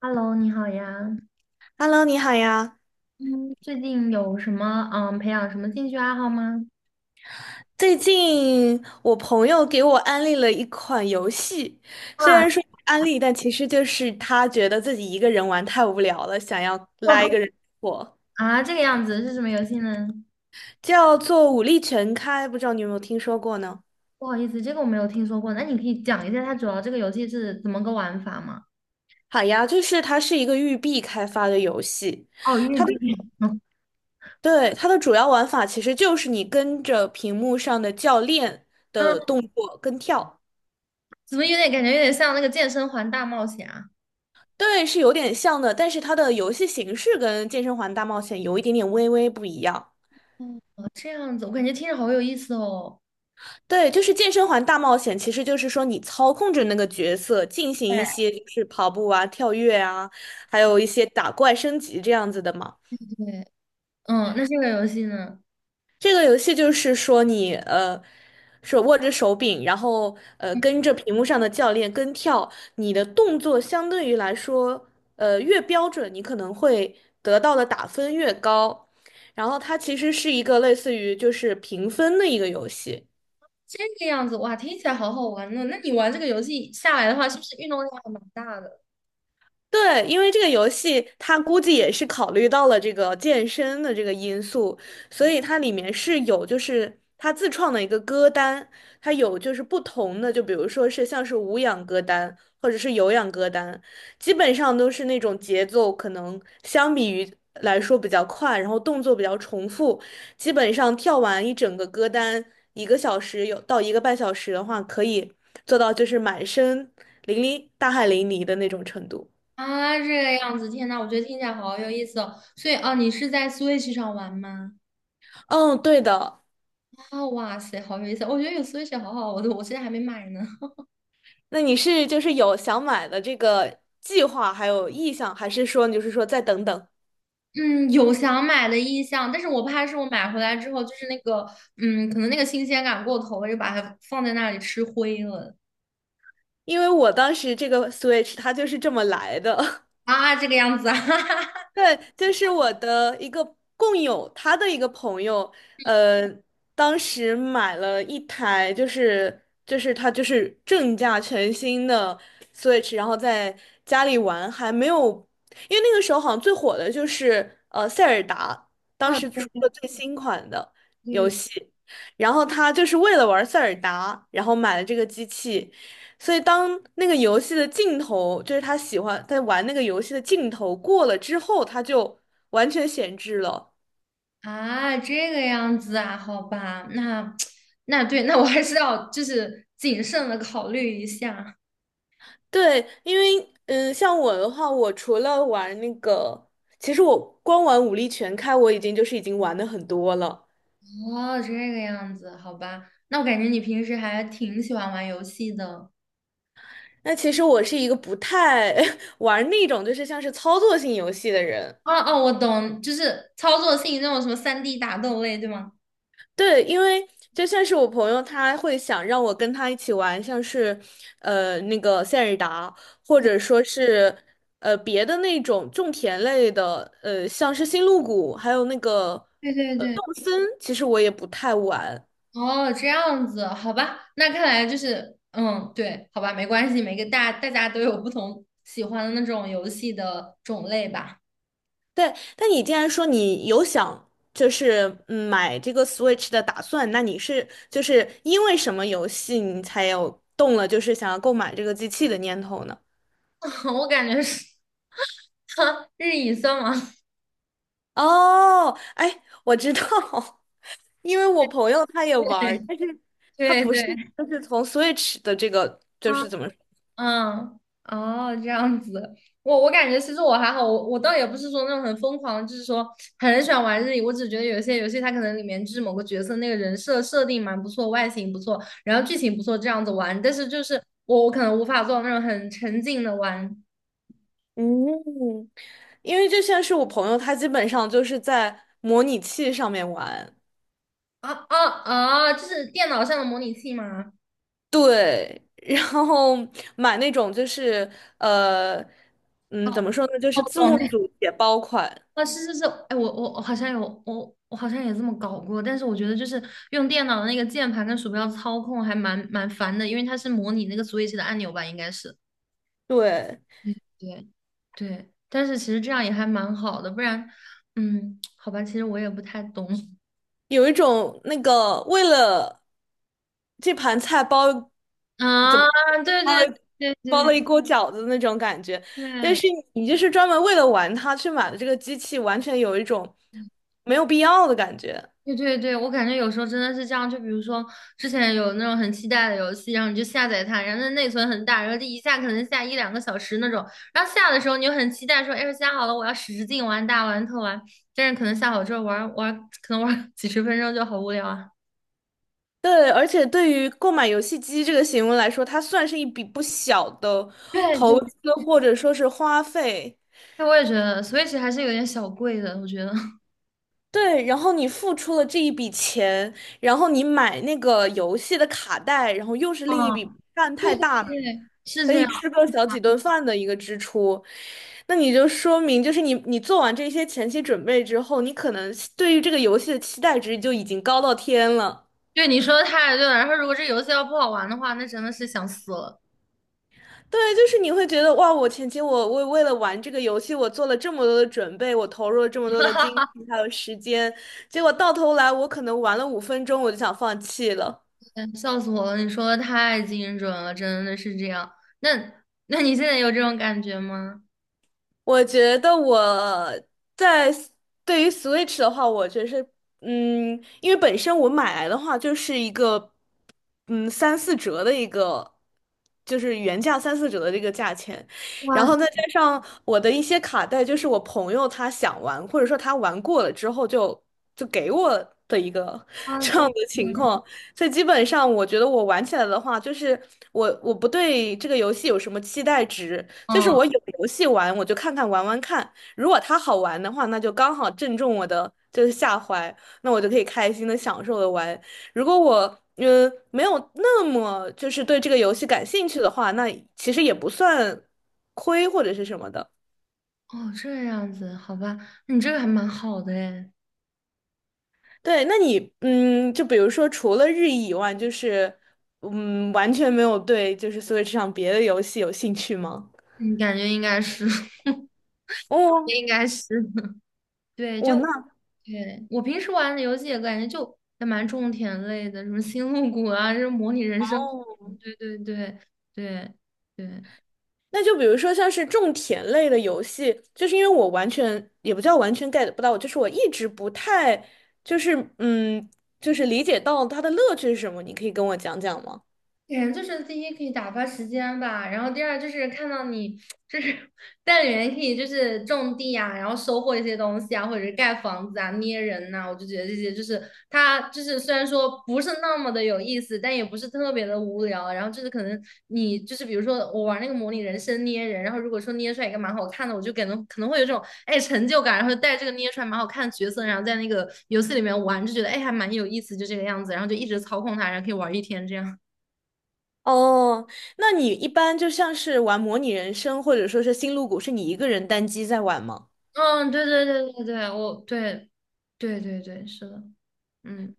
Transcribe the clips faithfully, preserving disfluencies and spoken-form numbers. Hello，你好呀。Hello，你好呀！嗯，最近有什么嗯培养什么兴趣爱好吗？最近我朋友给我安利了一款游戏，虽啊。然说是安利，但其实就是他觉得自己一个人玩太无聊了，想要拉一哦。个人我啊，这个样子是什么游戏呢？叫做《武力全开》，不知道你有没有听说过呢？不好意思，这个我没有听说过。那你可以讲一下它主要这个游戏是怎么个玩法吗？好呀，就是它是一个育碧开发的游戏，哦，玉它的币。对它的主要玩法其实就是你跟着屏幕上的教练嗯，的动作跟跳。怎么有点感觉有点像那个健身环大冒险啊？对，是有点像的，但是它的游戏形式跟健身环大冒险有一点点微微不一样。哦，这样子，我感觉听着好有意思哦。对，就是健身环大冒险，其实就是说你操控着那个角色进行对一些就是跑步啊、跳跃啊，还有一些打怪升级这样子的嘛。对。嗯，那这个游戏呢？这个游戏就是说你呃，手握着手柄，然后呃跟嗯。着屏幕上的教练跟跳，你的动作相对于来说，呃越标准，你可能会得到的打分越高。然后它其实是一个类似于就是评分的一个游戏。这个样子，哇，听起来好好玩呢。那你玩这个游戏下来的话，是不是运动量还蛮大的？对，因为这个游戏它估计也是考虑到了这个健身的这个因素，所以它里面是有就是它自创的一个歌单，它有就是不同的，就比如说是像是无氧歌单或者是有氧歌单，基本上都是那种节奏可能相比于来说比较快，然后动作比较重复，基本上跳完一整个歌单，一个小时有到一个半小时的话，可以做到就是满身淋漓大汗淋漓的那种程度。啊，这个样子，天呐，我觉得听起来好有意思哦。所以啊，你是在 Switch 上玩吗？嗯，对的。啊，哇塞，好有意思！我觉得有 Switch 好好，我都我现在还没买呢。那你是就是有想买的这个计划，还有意向，还是说你就是说再等等？嗯，有想买的意向，但是我怕是我买回来之后，就是那个，嗯，可能那个新鲜感过头了，就把它放在那里吃灰了。因为我当时这个 Switch 它就是这么来的。啊，这个样子啊，哈哈哈。对，就是我的一个共友，他的一个朋友，呃，当时买了一台，就是就是他就是正价全新的 Switch，然后在家里玩，还没有，因为那个时候好像最火的就是呃塞尔达，当哦，时出对对了最新款的游对。戏，然后他就是为了玩塞尔达，然后买了这个机器，所以当那个游戏的镜头，就是他喜欢在玩那个游戏的镜头过了之后，他就完全闲置了。啊，这个样子啊，好吧，那 那对，那我还是要就是谨慎的考虑一下。对，因为嗯，像我的话，我除了玩那个，其实我光玩武力全开，我已经就是已经玩的很多了。哦，这个样子，好吧。那我感觉你平时还挺喜欢玩游戏的。那其实我是一个不太 玩那种就是像是操作性游戏的人。哦哦，我懂，就是操作性那种什么三 d 打斗类，对吗？对，因为就像是我朋友，他会想让我跟他一起玩，像是呃那个塞尔达，或者说是呃别的那种种田类的，呃像是星露谷，还有那个对对呃对。动森，其实我也不太玩。哦，这样子，好吧。那看来就是，嗯，对，好吧，没关系，每个大大家都有不同喜欢的那种游戏的种类吧。对，但你既然说你有想就是嗯买这个 Switch 的打算，那你是就是因为什么游戏你才有动了就是想要购买这个机器的念头呢？我感觉是 日语算吗？哦，哎，我知道，因为我朋友他也 玩儿对但是他对不是，对。就是从 Switch 的这个，就啊。是怎么说嗯。哦，这样子，我我感觉其实我还好，我我倒也不是说那种很疯狂，就是说很喜欢玩日语，我只觉得有些游戏它可能里面就是某个角色那个人设设定蛮不错，外形不错，然后剧情不错，这样子玩，但是就是我我可能无法做到那种很沉浸的玩。嗯，因为就像是我朋友，他基本上就是在模拟器上面玩，啊啊啊，就是电脑上的模拟器吗？对，然后买那种就是呃，嗯，怎么说呢，就哦，是字我懂。幕组解包款，啊，是是是。哎，我我我好像有我我好像也这么搞过，但是我觉得就是用电脑的那个键盘跟鼠标操控还蛮蛮烦的，因为它是模拟那个 Switch 的按钮吧，应该是。对，对对。但是其实这样也还蛮好的，不然，嗯，好吧，其实我也不太懂 有一种那个为了这盘菜包。怎啊，么？对包对了对包了一对锅饺子的那种感觉。但对。是你就是专门为了玩它去买的这个机器，完全有一种没有必要的感觉。对对对，我感觉有时候真的是这样，就比如说之前有那种很期待的游戏，然后你就下载它，然后它内存很大，然后就一下可能下一两个小时那种，然后下的时候你就很期待说，哎，下好了，我要使使劲玩大玩特玩，但是可能下好之后玩玩，可能玩 几十分钟就好无聊啊。对，而且对于购买游戏机这个行为来说，它算是一笔不小的 对投对。资或者说是花费。对，我也觉得 Switch 还是有点小贵的，我觉得。对，然后你付出了这一笔钱，然后你买那个游戏的卡带，然后又是另一笔嗯，不算太大了对，是可这以样。吃个小几顿饭的一个支出，那你就说明就是你你做完这些前期准备之后，你可能对于这个游戏的期待值就已经高到天了。对，你说的太对了。然后如果这游戏要不好玩的话，那真的是想死了。对，就是你会觉得哇，我前期我为为了玩这个游戏，我做了这么多的准备，我投入了这么多的精力还有时间，结果到头来我可能玩了五分钟我就想放弃了。笑死我了！你说的太精准了，真的是这样。那那你现在有这种感觉吗？我觉得我在 s- 对于 Switch 的话，我觉得是，嗯，因为本身我买来的话就是一个，嗯，三四折的一个，就是原价三四折的这个价钱，然哇塞。后再加上我的一些卡带，就是我朋友他想玩，或者说他玩过了之后就就给我的一个 这就样是的情况，所以基本上我觉得我玩起来的话，就是我我不对这个游戏有什么期待值。就是嗯，我有游戏玩，我就看看玩玩看。如果它好玩的话，那就刚好正中我的就是下怀，那我就可以开心的享受的玩。如果我嗯没有那么就是对这个游戏感兴趣的话，那其实也不算亏或者是什么的。哦，这样子，好吧，那你这个还蛮好的诶。对，那你嗯，就比如说除了日语以外，就是嗯完全没有对就是 Switch 上别的游戏有兴趣吗？你感觉应该是，哦，应该是，对，我就那对我平时玩的游戏也感觉就还蛮种田类的，什么星露谷啊，这种模拟人生。哦。对对对对对。那就比如说像是种田类的游戏，就是因为我完全也不叫完全 get 不到，就是我一直不太就是嗯就是理解到它的乐趣是什么，你可以跟我讲讲吗？嗯，就是第一可以打发时间吧，然后第二就是看到你就是 带领人可以就是种地啊，然后收获一些东西啊，或者是盖房子啊、捏人呐、我就觉得这些就是它就是虽然说不是那么的有意思，但也不是特别的无聊。然后就是可能你就是比如说我玩那个模拟人生捏人，然后如果说捏出来一个蛮好看的，我就感觉可能会有这种哎成就感，然后就带这个捏出来蛮好看的角色，然后在那个游戏里面玩，就觉得哎还蛮有意思，就这个样子，然后就一直操控它，然后可以玩一天这样。哦，那你一般就像是玩模拟人生或者说是星露谷，是你一个人单机在玩吗？嗯，对对对对对，我对对对对，是的。嗯。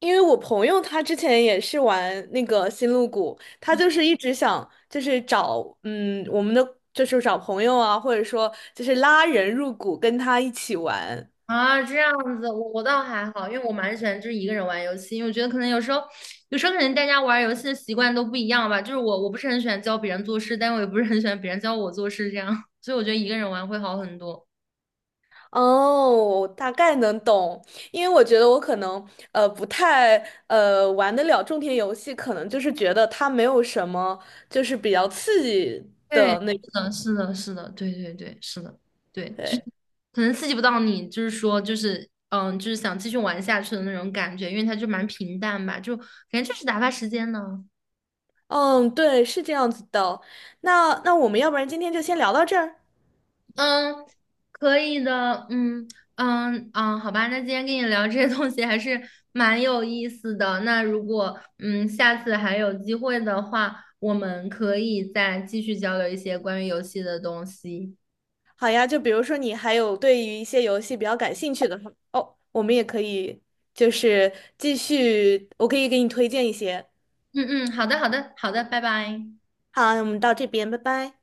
因为我朋友他之前也是玩那个星露谷，他就是一直想就是找嗯我们的就是找朋友啊，或者说就是拉人入谷跟他一起玩。啊，这样子，我我倒还好，因为我蛮喜欢就是一个人玩游戏，因为我觉得可能有时候，有时候可能大家玩游戏的习惯都不一样吧，就是我我不是很喜欢教别人做事，但我也不是很喜欢别人教我做事这样，所以我觉得一个人玩会好很多。哦，大概能懂，因为我觉得我可能呃不太呃玩得了种田游戏，可能就是觉得它没有什么就是比较刺激对，的那是种。的，是的，是的，对对对，是的。对，就是对，可能刺激不到你，就是说，就是嗯，就是想继续玩下去的那种感觉，因为它就蛮平淡吧，就感觉就是打发时间呢。嗯，对，是这样子的。那那我们要不然今天就先聊到这儿。嗯，可以的，嗯嗯嗯，好吧，那今天跟你聊这些东西还是蛮有意思的。那如果嗯下次还有机会的话，我们可以再继续交流一些关于游戏的东西。好呀，就比如说你还有对于一些游戏比较感兴趣的话哦，我们也可以就是继续，我可以给你推荐一些。嗯嗯，好的好的好的，拜拜。好，那我们到这边，拜拜。